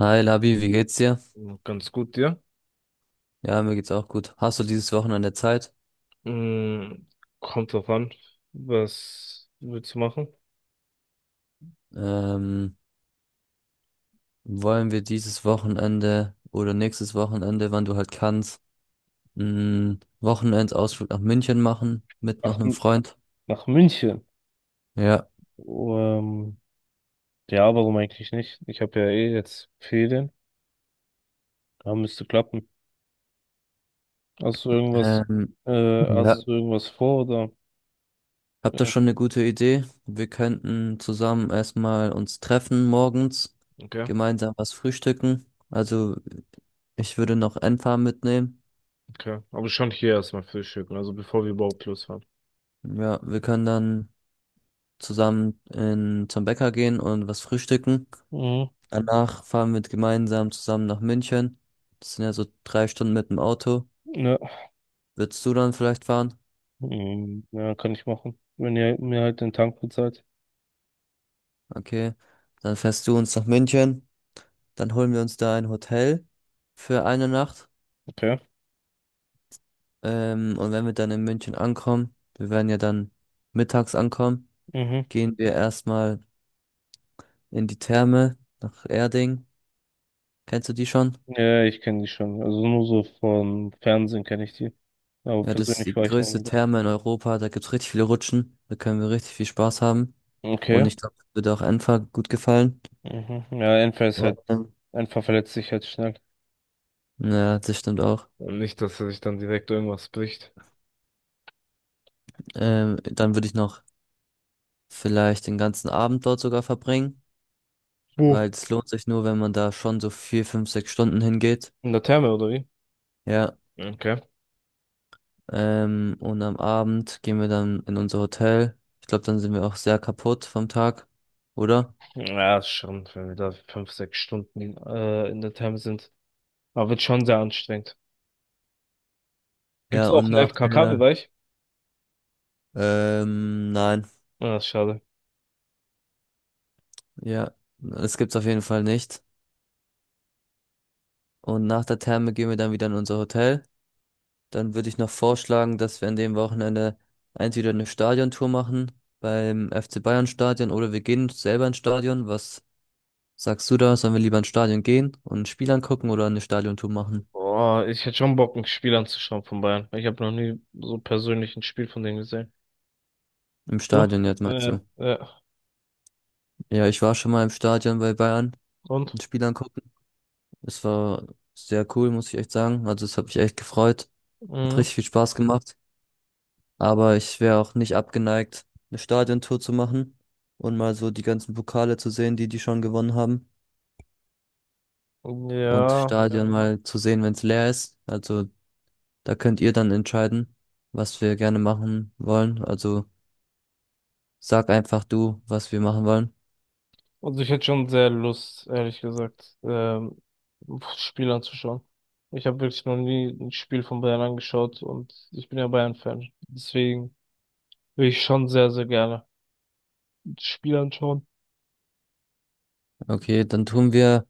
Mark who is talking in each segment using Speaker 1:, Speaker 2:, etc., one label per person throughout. Speaker 1: Hi Labi, wie geht's dir?
Speaker 2: Ganz gut, dir.
Speaker 1: Ja, mir geht's auch gut. Hast du dieses Wochenende Zeit?
Speaker 2: Mm, kommt drauf an, was willst du machen?
Speaker 1: Ähm, wollen wir dieses Wochenende oder nächstes Wochenende, wann du halt kannst, einen Wochenendausflug nach München machen mit
Speaker 2: Ach,
Speaker 1: noch einem Freund?
Speaker 2: nach München.
Speaker 1: Ja.
Speaker 2: Ähm, ja, warum eigentlich nicht? Ich habe ja eh jetzt Ferien. Da müsste klappen. Hast du irgendwas,
Speaker 1: Ähm,
Speaker 2: äh,
Speaker 1: ja.
Speaker 2: hast du irgendwas vor oder?
Speaker 1: Habt ihr schon eine gute Idee? Wir könnten zusammen erstmal uns treffen morgens,
Speaker 2: Okay,
Speaker 1: gemeinsam was frühstücken. Also ich würde noch Enfa mitnehmen.
Speaker 2: okay. Aber schon hier erstmal frühstücken, also bevor wir überhaupt losfahren.
Speaker 1: Ja, wir können dann zusammen zum Bäcker gehen und was frühstücken.
Speaker 2: Mhm.
Speaker 1: Danach fahren wir gemeinsam zusammen nach München. Das sind ja so 3 Stunden mit dem Auto.
Speaker 2: Ja.
Speaker 1: Würdest du dann vielleicht fahren?
Speaker 2: Mhm. Ja, kann ich machen. Wenn ihr mir halt den Tank bezahlt.
Speaker 1: Okay. Dann fährst du uns nach München. Dann holen wir uns da ein Hotel für eine Nacht.
Speaker 2: Okay.
Speaker 1: Und wenn wir dann in München ankommen, wir werden ja dann mittags ankommen,
Speaker 2: Mhm.
Speaker 1: gehen wir erstmal in die Therme nach Erding. Kennst du die schon?
Speaker 2: Ja, ja, ich kenne die schon. Also nur so vom Fernsehen kenne ich die. Aber
Speaker 1: Ja, das ist
Speaker 2: persönlich
Speaker 1: die
Speaker 2: war ich noch nie
Speaker 1: größte
Speaker 2: da.
Speaker 1: Therme in Europa. Da gibt's richtig viele Rutschen. Da können wir richtig viel Spaß haben.
Speaker 2: Okay.
Speaker 1: Und ich glaube, das wird auch Enfer gut gefallen.
Speaker 2: Mhm. Ja,
Speaker 1: Ähm,
Speaker 2: Enfer verletzt sich halt schnell.
Speaker 1: Ja, das stimmt auch.
Speaker 2: Und nicht, dass er sich dann direkt irgendwas bricht.
Speaker 1: Dann würde ich noch vielleicht den ganzen Abend dort sogar verbringen,
Speaker 2: Wo?
Speaker 1: weil es lohnt sich nur, wenn man da schon so 4, 5, 6 Stunden hingeht.
Speaker 2: In der Therme, oder wie?
Speaker 1: Ja,
Speaker 2: Okay.
Speaker 1: und am Abend gehen wir dann in unser Hotel. Ich glaube, dann sind wir auch sehr kaputt vom Tag, oder?
Speaker 2: Ja, ist schon, wenn wir da 5, 6 Stunden in der Therme sind. Aber wird schon sehr anstrengend.
Speaker 1: Ja,
Speaker 2: Gibt's auch
Speaker 1: und
Speaker 2: einen FKK-Bereich?
Speaker 1: nein.
Speaker 2: Ja, ist schade.
Speaker 1: Ja, das gibt's auf jeden Fall nicht. Und nach der Therme gehen wir dann wieder in unser Hotel. Dann würde ich noch vorschlagen, dass wir an dem Wochenende entweder eine Stadiontour machen beim FC Bayern Stadion oder wir gehen selber ins Stadion. Was sagst du da? Sollen wir lieber ins Stadion gehen und ein Spiel angucken oder eine Stadiontour machen?
Speaker 2: Oh, ich hätte schon Bock, ein Spiel anzuschauen von Bayern. Ich habe noch nie so persönlich ein Spiel von denen gesehen.
Speaker 1: Im
Speaker 2: Du?
Speaker 1: Stadion jetzt meinst
Speaker 2: Ja,
Speaker 1: du?
Speaker 2: ja.
Speaker 1: Ja, ich war schon mal im Stadion bei Bayern,
Speaker 2: Und?
Speaker 1: ein Spiel angucken. Es war sehr cool, muss ich echt sagen. Also es hat mich echt gefreut. Hat
Speaker 2: Mhm.
Speaker 1: richtig viel Spaß gemacht. Aber ich wäre auch nicht abgeneigt, eine Stadiontour zu machen und mal so die ganzen Pokale zu sehen, die die schon gewonnen haben und
Speaker 2: Ja,
Speaker 1: Stadion, ja, mal zu sehen, wenn es leer ist. Also da könnt ihr dann entscheiden, was wir gerne machen wollen. Also sag einfach du, was wir machen wollen.
Speaker 2: also ich hätte schon sehr Lust, ehrlich gesagt, Spiel anzuschauen. Ich habe wirklich noch nie ein Spiel von Bayern angeschaut und ich bin ja Bayern-Fan. Deswegen will ich schon sehr, sehr gerne das Spiel anschauen.
Speaker 1: Okay, dann tun wir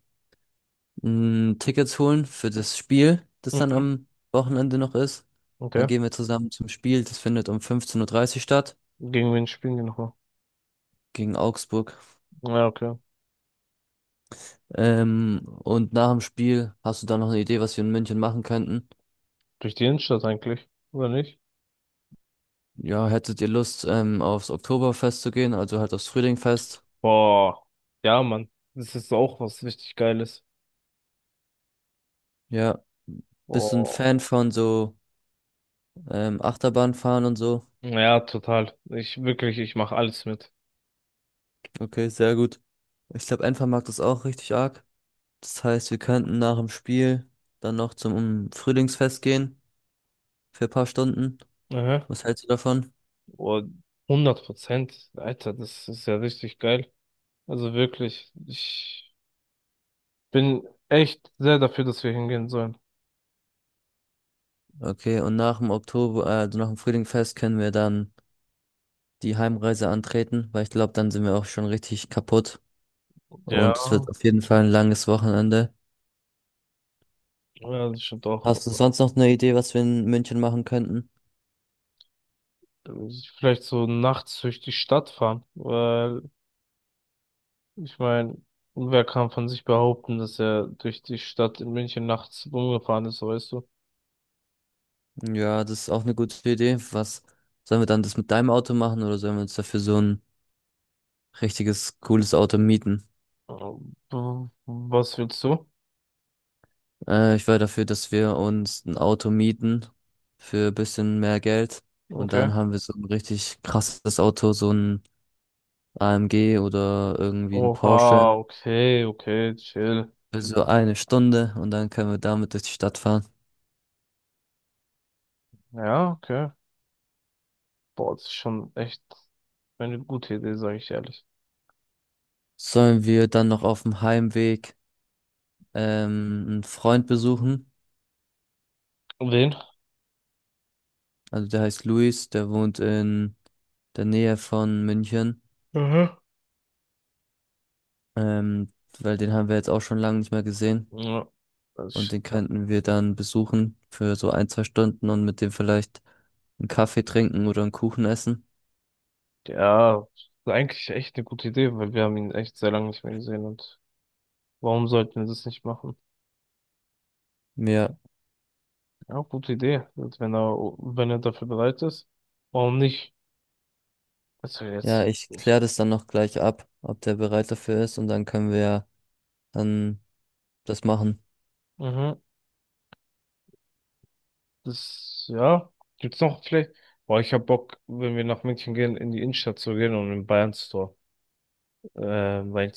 Speaker 1: Tickets holen für das Spiel, das dann
Speaker 2: Mhm.
Speaker 1: am Wochenende noch ist. Dann
Speaker 2: Okay.
Speaker 1: gehen wir zusammen zum Spiel. Das findet um 15:30 Uhr dreißig statt
Speaker 2: Gegen wen spielen die nochmal?
Speaker 1: gegen Augsburg.
Speaker 2: Ja, okay.
Speaker 1: Und nach dem Spiel hast du da noch eine Idee, was wir in München machen könnten?
Speaker 2: Durch die Innenstadt eigentlich, oder nicht?
Speaker 1: Ja, hättet ihr Lust, aufs Oktoberfest zu gehen, also halt aufs Frühlingfest?
Speaker 2: Boah. Ja, Mann. Das ist auch was richtig Geiles.
Speaker 1: Ja. Bist du ein
Speaker 2: Boah.
Speaker 1: Fan von so Achterbahnfahren und so?
Speaker 2: Ja, total. Ich mache alles mit.
Speaker 1: Okay, sehr gut. Ich glaube, Enfer mag das auch richtig arg. Das heißt, wir könnten nach dem Spiel dann noch zum Frühlingsfest gehen für ein paar Stunden.
Speaker 2: Mhm.
Speaker 1: Was hältst du davon?
Speaker 2: Oh, 100%. Alter, das ist ja richtig geil. Also wirklich, ich bin echt sehr dafür, dass wir hingehen sollen.
Speaker 1: Okay, und also nach dem Frühlingsfest können wir dann die Heimreise antreten, weil ich glaube, dann sind wir auch schon richtig kaputt
Speaker 2: Ja,
Speaker 1: und es wird auf jeden Fall ein langes Wochenende.
Speaker 2: ja, das stimmt auch.
Speaker 1: Hast du sonst noch eine Idee, was wir in München machen könnten?
Speaker 2: Vielleicht so nachts durch die Stadt fahren, weil ich meine, wer kann von sich behaupten, dass er durch die Stadt in München nachts rumgefahren ist, weißt du?
Speaker 1: Ja, das ist auch eine gute Idee. Was sollen wir dann das mit deinem Auto machen oder sollen wir uns dafür so ein richtiges cooles Auto mieten?
Speaker 2: Was willst du?
Speaker 1: Ich wäre dafür, dass wir uns ein Auto mieten für ein bisschen mehr Geld und
Speaker 2: Okay.
Speaker 1: dann haben wir so ein richtig krasses Auto, so ein AMG oder irgendwie ein Porsche
Speaker 2: Oha, okay, okay, chill.
Speaker 1: für so eine Stunde und dann können wir damit durch die Stadt fahren.
Speaker 2: Ja, okay. Boah, das ist schon echt eine gute Idee, sage ich ehrlich.
Speaker 1: Sollen wir dann noch auf dem Heimweg einen Freund besuchen?
Speaker 2: Und den?
Speaker 1: Also der heißt Luis, der wohnt in der Nähe von München.
Speaker 2: Aha.
Speaker 1: Ähm, weil den haben wir jetzt auch schon lange nicht mehr gesehen.
Speaker 2: Ja,
Speaker 1: Und den
Speaker 2: ja.
Speaker 1: könnten wir dann besuchen für so ein, 2 Stunden und mit dem vielleicht einen Kaffee trinken oder einen Kuchen essen.
Speaker 2: Ja, eigentlich echt eine gute Idee, weil wir haben ihn echt sehr lange nicht mehr gesehen und warum sollten wir das nicht machen?
Speaker 1: Ja.
Speaker 2: Ja, gute Idee. Und wenn er dafür bereit ist, warum nicht? Also
Speaker 1: Ja,
Speaker 2: jetzt.
Speaker 1: ich kläre das dann noch gleich ab, ob der bereit dafür ist und dann können wir ja dann das machen.
Speaker 2: Mhm. Das, ja. Gibt's noch vielleicht? Boah, ich hab Bock, wenn wir nach München gehen, in die Innenstadt zu gehen und im Bayern Store Wein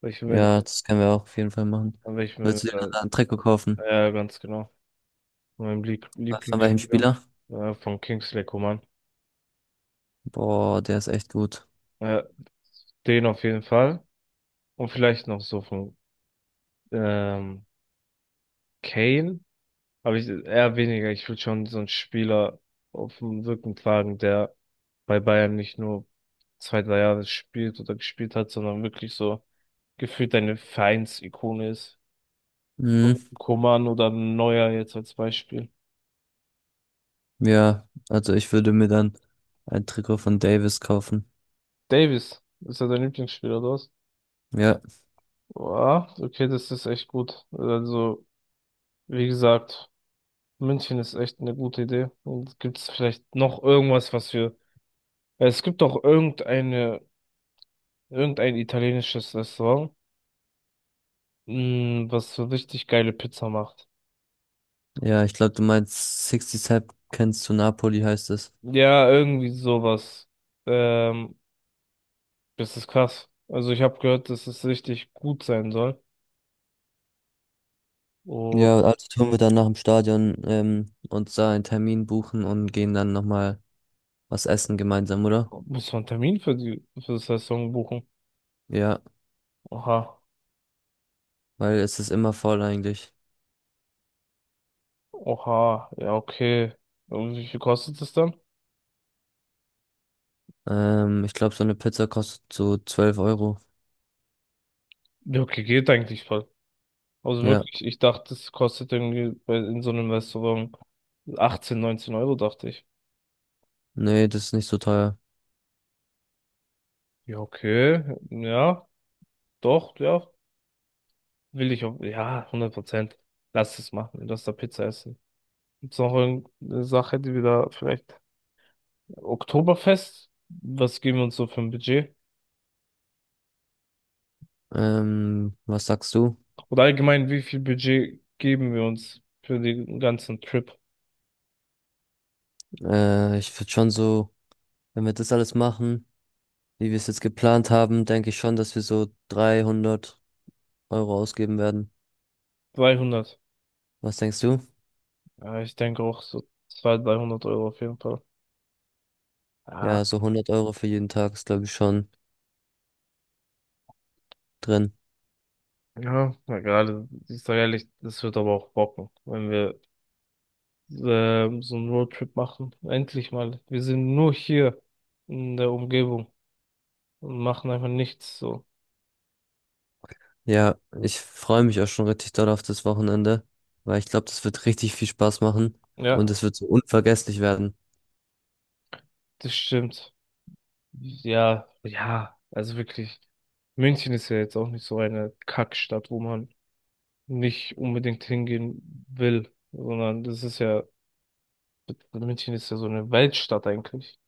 Speaker 2: weil ich will mir da,
Speaker 1: Ja, das können wir auch auf jeden Fall machen.
Speaker 2: weil ich mir
Speaker 1: Willst du dir dann einen Trikot kaufen?
Speaker 2: ja, ganz genau. Mein
Speaker 1: Was von welchem
Speaker 2: Lieblingsspieler,
Speaker 1: Spieler?
Speaker 2: von Kingsley Coman.
Speaker 1: Boah, der ist echt gut.
Speaker 2: Äh, den auf jeden Fall. Und vielleicht noch so von ähm, Kane. Aber ich, eher weniger. Ich will schon so einen Spieler auf dem Rücken tragen, der bei Bayern nicht nur 2, 3 Jahre spielt oder gespielt hat, sondern wirklich so gefühlt eine Vereinsikone ist.
Speaker 1: Mhm,
Speaker 2: Coman oder Neuer jetzt als Beispiel.
Speaker 1: ja, also ich würde mir dann ein Trikot von Davis kaufen.
Speaker 2: Davis, ist er dein Lieblingsspieler, oder was?
Speaker 1: Ja,
Speaker 2: Ja, okay, das ist echt gut. Also. Wie gesagt, München ist echt eine gute Idee. Und gibt es vielleicht noch irgendwas, was wir. Es gibt doch irgendein italienisches Restaurant, was so richtig geile Pizza macht.
Speaker 1: ja, ich glaube, du meinst 60 Sepp kennst du Napoli, heißt es.
Speaker 2: Ja, irgendwie sowas. Ähm, das ist krass. Also ich habe gehört, dass es richtig gut sein soll. Und
Speaker 1: Ja, also tun wir dann nach dem Stadion uns da einen Termin buchen und gehen dann nochmal was essen gemeinsam, oder?
Speaker 2: muss man einen Termin für das Restaurant buchen?
Speaker 1: Ja,
Speaker 2: Oha.
Speaker 1: weil es ist immer voll eigentlich.
Speaker 2: Oha. Ja, okay. Und wie viel kostet es dann?
Speaker 1: Ich glaube, so eine Pizza kostet so 12 Euro.
Speaker 2: Ja, okay, geht eigentlich voll. Also
Speaker 1: Ja.
Speaker 2: wirklich, ich dachte, es kostet irgendwie in so einem Restaurant 18, 19 Euro, dachte ich.
Speaker 1: Nee, das ist nicht so teuer.
Speaker 2: Ja, okay, ja, doch, ja, will ich auch, ja, 100%. Lass es machen, lass da Pizza essen. Gibt's noch irgendeine Sache, die wir da vielleicht, Oktoberfest, was geben wir uns so für ein Budget?
Speaker 1: Was sagst du?
Speaker 2: Oder allgemein, wie viel Budget geben wir uns für den ganzen Trip?
Speaker 1: Ich würde schon so, wenn wir das alles machen, wie wir es jetzt geplant haben, denke ich schon, dass wir so 300 € ausgeben werden.
Speaker 2: 300.
Speaker 1: Was denkst du?
Speaker 2: Ja, ich denke auch so 200, 300 Euro auf jeden Fall. Ja.
Speaker 1: Ja, so 100 € für jeden Tag ist, glaube ich, schon drin.
Speaker 2: Ja, na gerade, ich sage ehrlich, das wird aber auch bocken, wenn wir so einen Roadtrip machen. Endlich mal. Wir sind nur hier in der Umgebung und machen einfach nichts so.
Speaker 1: Ja, ich freue mich auch schon richtig doll auf das Wochenende, weil ich glaube, das wird richtig viel Spaß machen und
Speaker 2: Ja,
Speaker 1: es wird so unvergesslich werden.
Speaker 2: das stimmt. Ja, ja, also wirklich. München ist ja jetzt auch nicht so eine Kackstadt, wo man nicht unbedingt hingehen will, sondern das ist ja, München ist ja so eine Weltstadt eigentlich.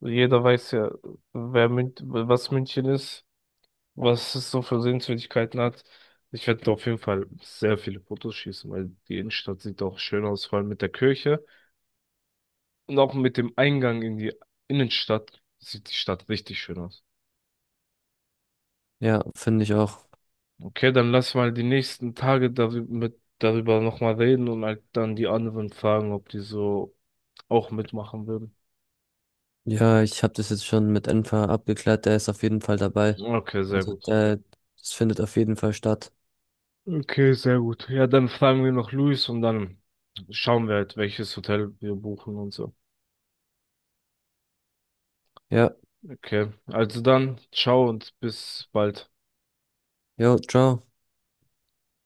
Speaker 2: Jeder weiß ja, wer Mün was München ist. Was es so für Sehenswürdigkeiten hat. Ich werde auf jeden Fall sehr viele Fotos schießen, weil die Innenstadt sieht auch schön aus, vor allem mit der Kirche. Und auch mit dem Eingang in die Innenstadt sieht die Stadt richtig schön aus.
Speaker 1: Ja, finde ich auch.
Speaker 2: Okay, dann lass mal die nächsten Tage darüber, darüber nochmal reden und halt dann die anderen fragen, ob die so auch mitmachen würden.
Speaker 1: Ja, ich habe das jetzt schon mit Enfer abgeklärt, der ist auf jeden Fall dabei.
Speaker 2: Okay, sehr
Speaker 1: Also
Speaker 2: gut.
Speaker 1: der, das findet auf jeden Fall statt.
Speaker 2: Okay, sehr gut. Ja, dann fragen wir noch Luis und dann schauen wir halt, welches Hotel wir buchen und so.
Speaker 1: Ja,
Speaker 2: Okay, also dann, ciao und bis bald.
Speaker 1: jo, ciao.